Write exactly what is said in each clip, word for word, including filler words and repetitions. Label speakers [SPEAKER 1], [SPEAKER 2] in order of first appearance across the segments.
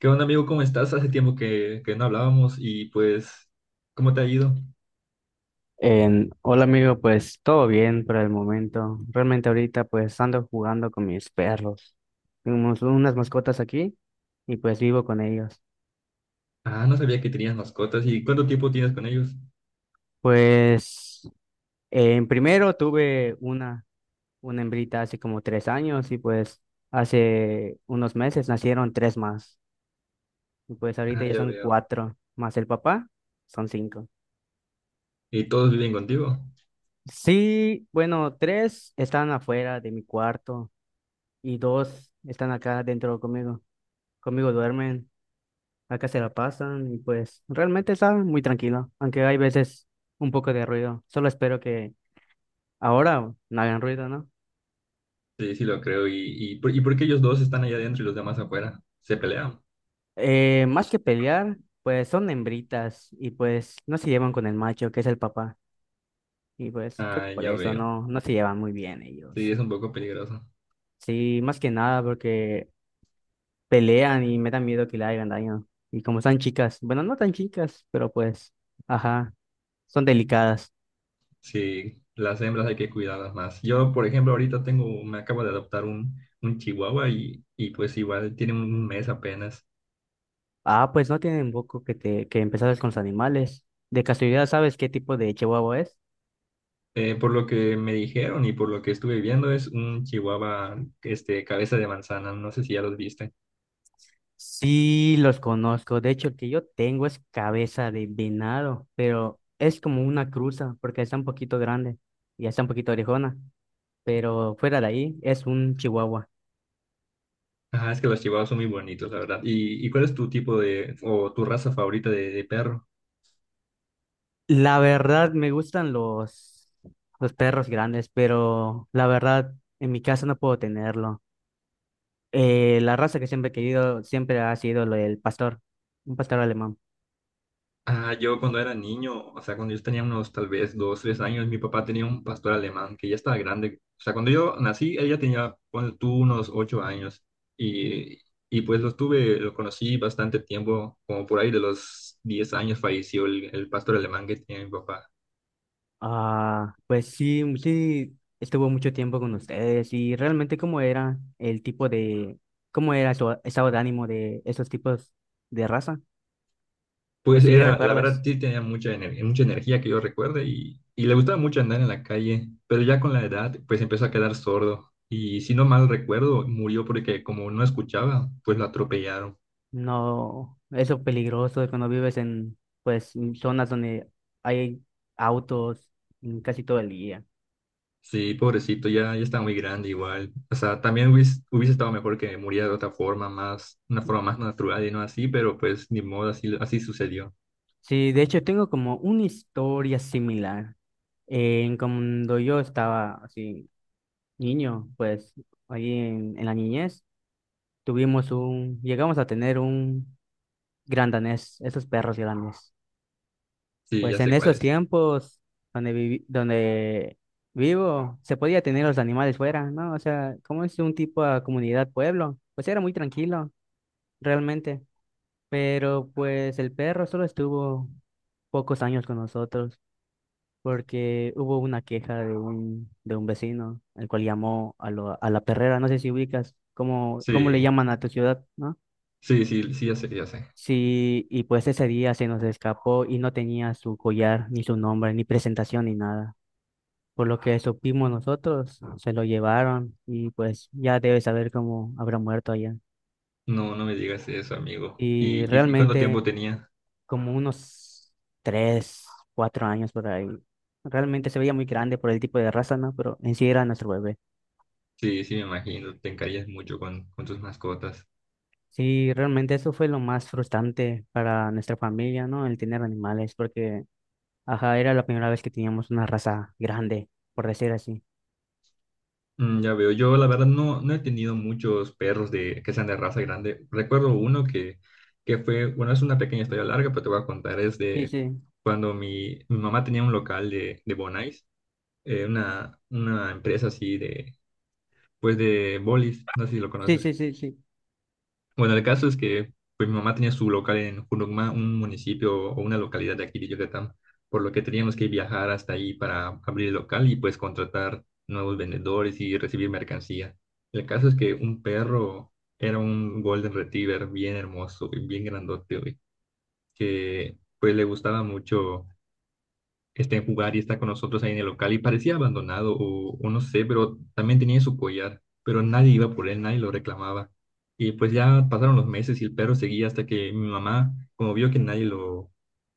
[SPEAKER 1] ¿Qué onda, amigo? ¿Cómo estás? Hace tiempo que, que no hablábamos y pues, ¿cómo te ha ido?
[SPEAKER 2] En- hola amigo, pues todo bien por el momento. Realmente ahorita pues ando jugando con mis perros. Tenemos unas mascotas aquí y pues vivo con ellos.
[SPEAKER 1] Ah, no sabía que tenías mascotas. ¿Y cuánto tiempo tienes con ellos?
[SPEAKER 2] Pues en primero tuve una, una hembrita hace como tres años y pues hace unos meses nacieron tres más. Y pues ahorita
[SPEAKER 1] Ah,
[SPEAKER 2] ya
[SPEAKER 1] ya
[SPEAKER 2] son
[SPEAKER 1] veo.
[SPEAKER 2] cuatro, más el papá, son cinco.
[SPEAKER 1] ¿Y todos viven contigo?
[SPEAKER 2] Sí, bueno, tres están afuera de mi cuarto y dos están acá dentro conmigo. Conmigo duermen, acá se la pasan y pues realmente está muy tranquilo, aunque hay veces un poco de ruido. Solo espero que ahora no hagan ruido, ¿no?
[SPEAKER 1] Sí, sí lo creo. ¿Y, y, por, y por qué ellos dos están allá adentro y los demás afuera? ¿Se pelean?
[SPEAKER 2] Eh, más que pelear, pues son hembritas y pues no se llevan con el macho, que es el papá. Y pues creo
[SPEAKER 1] Ah,
[SPEAKER 2] que por
[SPEAKER 1] ya
[SPEAKER 2] eso
[SPEAKER 1] veo.
[SPEAKER 2] no, no se llevan muy bien
[SPEAKER 1] Sí,
[SPEAKER 2] ellos.
[SPEAKER 1] es un poco peligroso.
[SPEAKER 2] Sí, más que nada porque pelean y me da miedo que le hagan daño. Y como están chicas, bueno, no tan chicas, pero pues, ajá, son delicadas.
[SPEAKER 1] Sí, las hembras hay que cuidarlas más. Yo, por ejemplo, ahorita tengo, me acabo de adoptar un, un chihuahua y, y pues igual tiene un mes apenas.
[SPEAKER 2] Ah, pues no tienen poco que te que empezaras con los animales. De casualidad, ¿sabes qué tipo de chihuahua es?
[SPEAKER 1] Eh, por lo que me dijeron y por lo que estuve viendo, es un chihuahua, este, cabeza de manzana. No sé si ya los viste.
[SPEAKER 2] Sí, los conozco. De hecho, el que yo tengo es cabeza de venado, pero es como una cruza porque está un poquito grande y está un poquito orejona, pero fuera de ahí es un chihuahua.
[SPEAKER 1] Ajá, es que los chihuahuas son muy bonitos, la verdad. ¿Y, y cuál es tu tipo de, o tu raza favorita de, de perro?
[SPEAKER 2] La verdad me gustan los los perros grandes, pero la verdad en mi casa no puedo tenerlo. Eh, la raza que siempre he querido siempre ha sido el pastor, un pastor alemán.
[SPEAKER 1] Ah, yo cuando era niño, o sea, cuando yo tenía unos tal vez dos, tres años, mi papá tenía un pastor alemán que ya estaba grande. O sea, cuando yo nací, ella tenía, ponle tú, unos ocho años. Y, y pues lo tuve, lo conocí bastante tiempo, como por ahí de los diez años falleció el, el pastor alemán que tenía mi papá.
[SPEAKER 2] Ah, pues sí, sí, estuvo mucho tiempo con ustedes y realmente cómo era el tipo de, cómo era su estado de ánimo de esos tipos de raza. O
[SPEAKER 1] Pues
[SPEAKER 2] si
[SPEAKER 1] era, la
[SPEAKER 2] recuerdas,
[SPEAKER 1] verdad, sí tenía mucha, ener- mucha energía que yo recuerde y, y le gustaba mucho andar en la calle, pero ya con la edad, pues empezó a quedar sordo y si no mal recuerdo, murió porque como no escuchaba, pues lo atropellaron.
[SPEAKER 2] no, eso peligroso de cuando vives en, pues, en zonas donde hay autos mm, casi todo el día.
[SPEAKER 1] Sí, pobrecito, ya, ya está muy grande igual. O sea, también hubiese, hubiese estado mejor que muriera de otra forma, más, una forma más natural y no así, pero pues ni modo, así, así sucedió.
[SPEAKER 2] Sí, de hecho tengo como una historia similar. En cuando yo estaba así, niño, pues, ahí en en la niñez. Tuvimos un, llegamos a tener un gran danés, esos perros grandes.
[SPEAKER 1] Sí,
[SPEAKER 2] Pues
[SPEAKER 1] ya
[SPEAKER 2] en
[SPEAKER 1] sé cuál
[SPEAKER 2] esos
[SPEAKER 1] es.
[SPEAKER 2] tiempos donde vivi- donde vivo, se podía tener los animales fuera, ¿no? O sea, como es un tipo de comunidad pueblo, pues era muy tranquilo, realmente. Pero pues el perro solo estuvo pocos años con nosotros porque hubo una queja de un, de un vecino, el cual llamó a, lo- a la perrera, no sé si ubicas, cómo, cómo le
[SPEAKER 1] Sí,
[SPEAKER 2] llaman a tu ciudad, ¿no?
[SPEAKER 1] sí, sí, sí, ya sé, ya sé.
[SPEAKER 2] Sí, y pues ese día se nos escapó y no tenía su collar, ni su nombre, ni presentación, ni nada. Por lo que supimos nosotros, se lo llevaron y pues ya debe saber cómo habrá muerto allá.
[SPEAKER 1] No, no me digas eso, amigo.
[SPEAKER 2] Y
[SPEAKER 1] ¿Y, y y cuánto tiempo
[SPEAKER 2] realmente
[SPEAKER 1] tenía?
[SPEAKER 2] como unos tres, cuatro años por ahí. Realmente se veía muy grande por el tipo de raza, ¿no? Pero en sí era nuestro bebé.
[SPEAKER 1] Sí, sí, me imagino, te encariñas mucho con, con tus mascotas.
[SPEAKER 2] Sí, realmente eso fue lo más frustrante para nuestra familia, ¿no? El tener animales, porque, ajá, era la primera vez que teníamos una raza grande, por decir así.
[SPEAKER 1] Mm, ya veo, yo la verdad no, no he tenido muchos perros de, que sean de raza grande. Recuerdo uno que, que fue, bueno, es una pequeña historia larga, pero te voy a contar, es
[SPEAKER 2] Sí,
[SPEAKER 1] de
[SPEAKER 2] sí,
[SPEAKER 1] cuando mi, mi mamá tenía un local de, de Bonais, eh, una, una empresa así de, pues de bolis, no sé si lo
[SPEAKER 2] sí, sí,
[SPEAKER 1] conoces.
[SPEAKER 2] sí, sí.
[SPEAKER 1] Bueno, el caso es que pues, mi mamá tenía su local en Junucma, un municipio o una localidad de aquí de Yucatán, por lo que teníamos que viajar hasta ahí para abrir el local y pues contratar nuevos vendedores y recibir mercancía. El caso es que un perro era un Golden Retriever bien hermoso y bien grandote, güey, que pues le gustaba mucho está en jugar y está con nosotros ahí en el local y parecía abandonado o, o no sé, pero también tenía su collar, pero nadie iba por él, nadie lo reclamaba. Y pues ya pasaron los meses y el perro seguía hasta que mi mamá, como vio que nadie lo,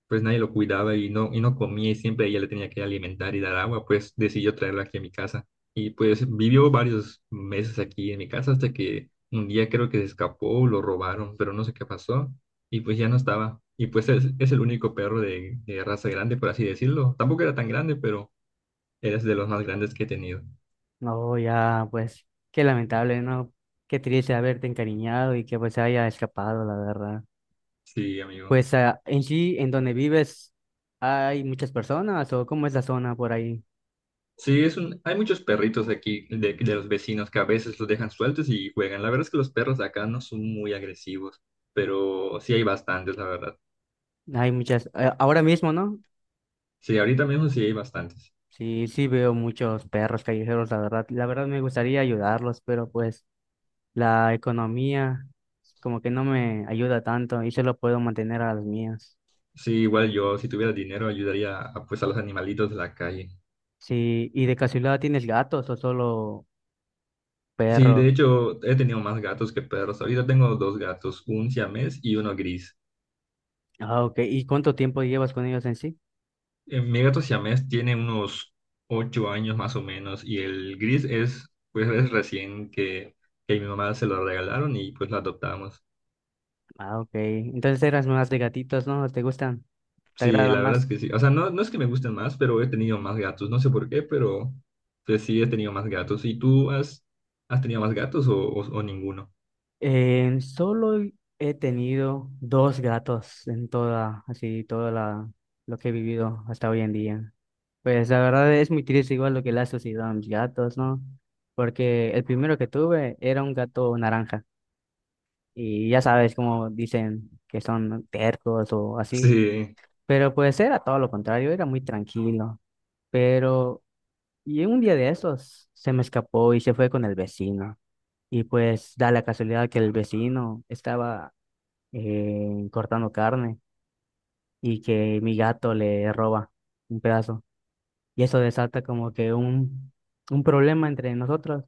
[SPEAKER 1] pues nadie lo cuidaba y no, y no comía y siempre ella le tenía que alimentar y dar agua, pues decidió traerlo aquí a mi casa. Y pues vivió varios meses aquí en mi casa hasta que un día creo que se escapó, lo robaron, pero no sé qué pasó y pues ya no estaba. Y pues es, es el único perro de, de raza grande, por así decirlo. Tampoco era tan grande, pero eres de los más grandes que he tenido.
[SPEAKER 2] No, ya, pues, qué lamentable, ¿no? Qué triste haberte encariñado y que pues se haya escapado, la verdad.
[SPEAKER 1] Sí, amigo.
[SPEAKER 2] Pues, ah, en sí, en donde vives, ¿hay muchas personas o cómo es la zona por ahí?
[SPEAKER 1] Sí, es un, hay muchos perritos aquí de, de los vecinos que a veces los dejan sueltos y juegan. La verdad es que los perros de acá no son muy agresivos, pero sí hay bastantes, la verdad.
[SPEAKER 2] Hay muchas, eh, ahora mismo, ¿no?
[SPEAKER 1] Sí, ahorita mismo sí hay bastantes.
[SPEAKER 2] Sí, sí veo muchos perros callejeros, la verdad. La verdad me gustaría ayudarlos, pero pues la economía como que no me ayuda tanto y solo puedo mantener a las mías.
[SPEAKER 1] Sí, igual yo, si tuviera dinero, ayudaría a, pues, a los animalitos de la calle.
[SPEAKER 2] Sí, ¿y de casualidad tienes gatos o solo
[SPEAKER 1] Sí,
[SPEAKER 2] perros?
[SPEAKER 1] de hecho, he tenido más gatos que perros. Ahorita tengo dos gatos, un siamés y uno gris.
[SPEAKER 2] Ah, ok. ¿Y cuánto tiempo llevas con ellos en sí?
[SPEAKER 1] Eh, Mi gato siamés tiene unos ocho años más o menos y el gris es, pues es recién que, que mi mamá se lo regalaron y pues lo adoptamos.
[SPEAKER 2] Ah, ok. Entonces eras más de gatitos, ¿no? ¿Te gustan? ¿Te
[SPEAKER 1] Sí,
[SPEAKER 2] agradan
[SPEAKER 1] la verdad es
[SPEAKER 2] más?
[SPEAKER 1] que sí. O sea, no, no es que me gusten más, pero he tenido más gatos. No sé por qué, pero pues sí he tenido más gatos. ¿Y tú has, has tenido más gatos o, o, o ninguno?
[SPEAKER 2] Eh, solo he tenido dos gatos en toda, así, toda la, lo que he vivido hasta hoy en día. Pues la verdad es muy triste igual lo que le ha sucedido a mis gatos, ¿no? Porque el primero que tuve era un gato naranja. Y ya sabes cómo dicen que son tercos o así.
[SPEAKER 1] Sí,
[SPEAKER 2] Pero pues era todo lo contrario, era muy tranquilo. Pero Y un día de esos se me escapó y se fue con el vecino. Y pues da la casualidad que el vecino estaba eh, cortando carne y que mi gato le roba un pedazo. Y eso desata como que un, un problema entre nosotros.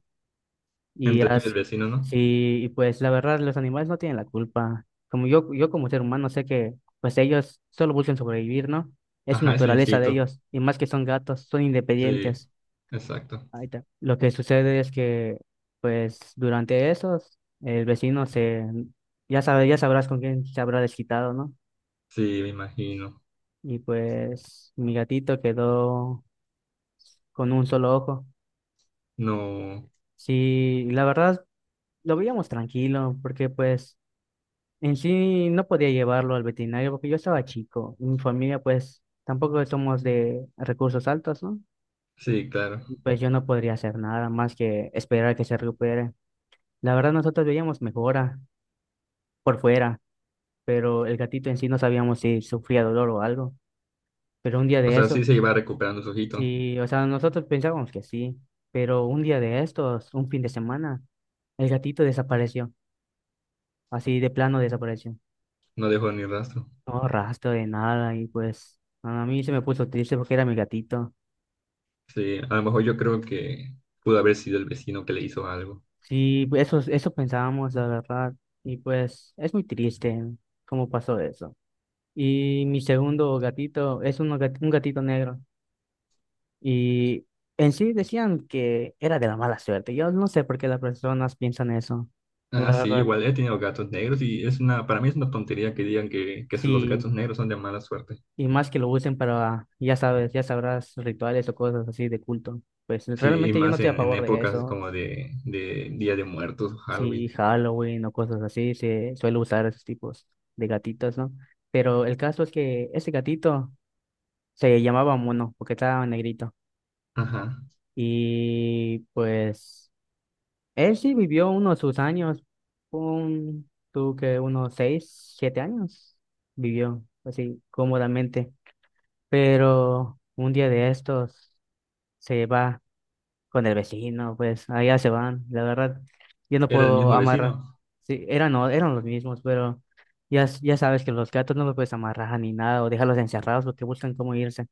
[SPEAKER 2] Y
[SPEAKER 1] entre tú y el
[SPEAKER 2] as-
[SPEAKER 1] vecino, ¿no?
[SPEAKER 2] sí, y pues la verdad los animales no tienen la culpa. Como yo, yo como ser humano sé que pues ellos solo buscan sobrevivir, ¿no? Es su
[SPEAKER 1] Ajá, es su
[SPEAKER 2] naturaleza de
[SPEAKER 1] instinto.
[SPEAKER 2] ellos. Y más que son gatos, son
[SPEAKER 1] Sí,
[SPEAKER 2] independientes.
[SPEAKER 1] exacto.
[SPEAKER 2] Ahí está. Lo que sucede es que, pues, durante esos, el vecino se, ya sabe, ya sabrás con quién se habrá desquitado, ¿no?
[SPEAKER 1] Sí, me imagino.
[SPEAKER 2] Y pues, mi gatito quedó con un solo ojo.
[SPEAKER 1] No,
[SPEAKER 2] Sí, la verdad, lo veíamos tranquilo, porque pues, en sí no podía llevarlo al veterinario, porque yo estaba chico. Mi familia, pues, tampoco somos de recursos altos, ¿no?
[SPEAKER 1] sí, claro.
[SPEAKER 2] Y pues yo no podría hacer nada más que esperar a que se recupere. La verdad, nosotros veíamos mejora por fuera, pero el gatito en sí no sabíamos si sufría dolor o algo. Pero un día
[SPEAKER 1] O
[SPEAKER 2] de
[SPEAKER 1] sea, sí se
[SPEAKER 2] esos,
[SPEAKER 1] iba recuperando su ojito.
[SPEAKER 2] sí, o sea, nosotros pensábamos que sí, pero un día de estos, un fin de semana, el gatito desapareció, así de plano desapareció.
[SPEAKER 1] No dejó ni rastro.
[SPEAKER 2] No rastro de nada y pues a mí se me puso triste porque era mi gatito.
[SPEAKER 1] Sí, a lo mejor yo creo que pudo haber sido el vecino que le hizo algo.
[SPEAKER 2] Sí, pues, eso, eso pensábamos, la verdad, y pues es muy triste cómo pasó eso. Y mi segundo gatito es uno gat- un gatito negro. Y en sí decían que era de la mala suerte. Yo no sé por qué las personas piensan eso. La
[SPEAKER 1] Ah, sí,
[SPEAKER 2] verdad,
[SPEAKER 1] igual he tenido gatos negros y es una, para mí es una tontería que digan que, que los
[SPEAKER 2] sí.
[SPEAKER 1] gatos negros son de mala suerte.
[SPEAKER 2] Y más que lo usen para, ya sabes, ya sabrás, rituales o cosas así de culto. Pues
[SPEAKER 1] Sí, y
[SPEAKER 2] realmente yo no
[SPEAKER 1] más
[SPEAKER 2] estoy a
[SPEAKER 1] en, en
[SPEAKER 2] favor de
[SPEAKER 1] épocas
[SPEAKER 2] eso.
[SPEAKER 1] como de, de Día de Muertos o
[SPEAKER 2] Si
[SPEAKER 1] Halloween.
[SPEAKER 2] Halloween o cosas así, se suele usar esos tipos de gatitos, ¿no? Pero el caso es que ese gatito se llamaba Mono, porque estaba negrito.
[SPEAKER 1] Ajá.
[SPEAKER 2] Y pues él sí vivió unos sus años, un, tú que unos seis, siete años vivió así cómodamente, pero un día de estos se va con el vecino, pues allá se van, la verdad, yo no
[SPEAKER 1] Era el
[SPEAKER 2] puedo
[SPEAKER 1] mismo
[SPEAKER 2] amarrar,
[SPEAKER 1] vecino.
[SPEAKER 2] sí, eran, o- eran los mismos, pero ya, s- ya sabes que los gatos no los puedes amarrar ni nada o dejarlos encerrados porque buscan cómo irse,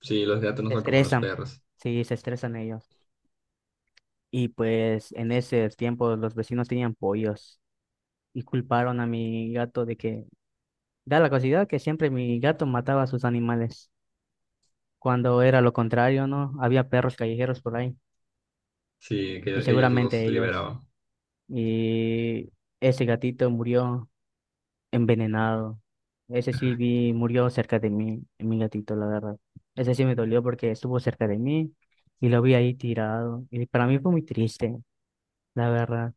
[SPEAKER 1] Sí, los gatos no
[SPEAKER 2] se
[SPEAKER 1] son como los
[SPEAKER 2] estresan,
[SPEAKER 1] perros.
[SPEAKER 2] sí, se estresan ellos, y pues en ese tiempo los vecinos tenían pollos, y culparon a mi gato de que da la casualidad que siempre mi gato mataba a sus animales, cuando era lo contrario, ¿no? Había perros callejeros por ahí
[SPEAKER 1] Sí,
[SPEAKER 2] y
[SPEAKER 1] que ellos
[SPEAKER 2] seguramente
[SPEAKER 1] los
[SPEAKER 2] ellos.
[SPEAKER 1] liberaban.
[SPEAKER 2] Y ese gatito murió envenenado. Ese sí vi, murió cerca de mí, mi gatito, la verdad. Ese sí me dolió porque estuvo cerca de mí y lo vi ahí tirado. Y para mí fue muy triste, la verdad.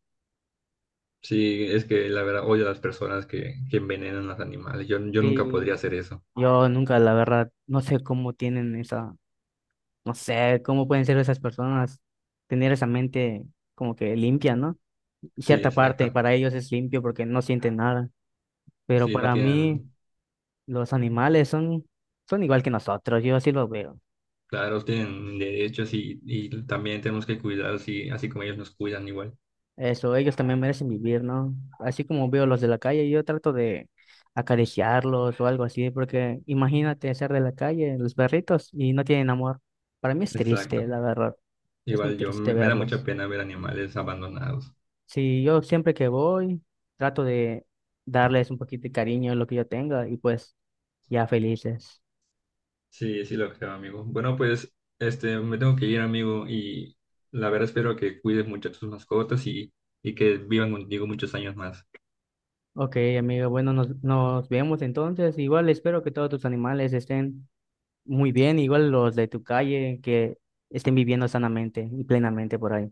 [SPEAKER 1] Sí, es que la verdad odio a las personas que, que envenenan a los animales. Yo, yo nunca podría
[SPEAKER 2] Sí,
[SPEAKER 1] hacer eso.
[SPEAKER 2] yo nunca, la verdad, no sé cómo tienen esa, no sé cómo pueden ser esas personas, tener esa mente como que limpia, ¿no? Y
[SPEAKER 1] Sí,
[SPEAKER 2] cierta parte
[SPEAKER 1] exacto.
[SPEAKER 2] para ellos es limpio porque no sienten nada, pero
[SPEAKER 1] Sí, no
[SPEAKER 2] para mí
[SPEAKER 1] tienen.
[SPEAKER 2] los animales son, son igual que nosotros, yo así lo veo.
[SPEAKER 1] Claro, tienen derechos y, y también tenemos que cuidarlos así, así como ellos nos cuidan igual.
[SPEAKER 2] Eso, ellos también merecen vivir, ¿no? Así como veo los de la calle, yo trato de acariciarlos o algo así, porque imagínate ser de la calle, los perritos, y no tienen amor. Para mí es triste,
[SPEAKER 1] Exacto.
[SPEAKER 2] la verdad. Es muy
[SPEAKER 1] Igual yo,
[SPEAKER 2] triste
[SPEAKER 1] me, me da mucha
[SPEAKER 2] verlos.
[SPEAKER 1] pena ver animales abandonados.
[SPEAKER 2] Sí, yo siempre que voy, trato de darles un poquito de cariño en lo que yo tenga y pues ya felices.
[SPEAKER 1] Sí, sí lo creo, amigo. Bueno, pues, este, me tengo que ir, amigo, y la verdad espero que cuides mucho a tus mascotas y, y que vivan contigo muchos años más.
[SPEAKER 2] Ok, amigo, bueno, nos, nos vemos entonces. Igual espero que todos tus animales estén muy bien, igual los de tu calle, que estén viviendo sanamente y plenamente por ahí.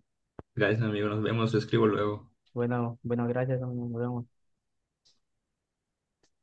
[SPEAKER 1] Gracias, amigo. Nos vemos. Te escribo luego.
[SPEAKER 2] Bueno, bueno, gracias, amigo, nos vemos.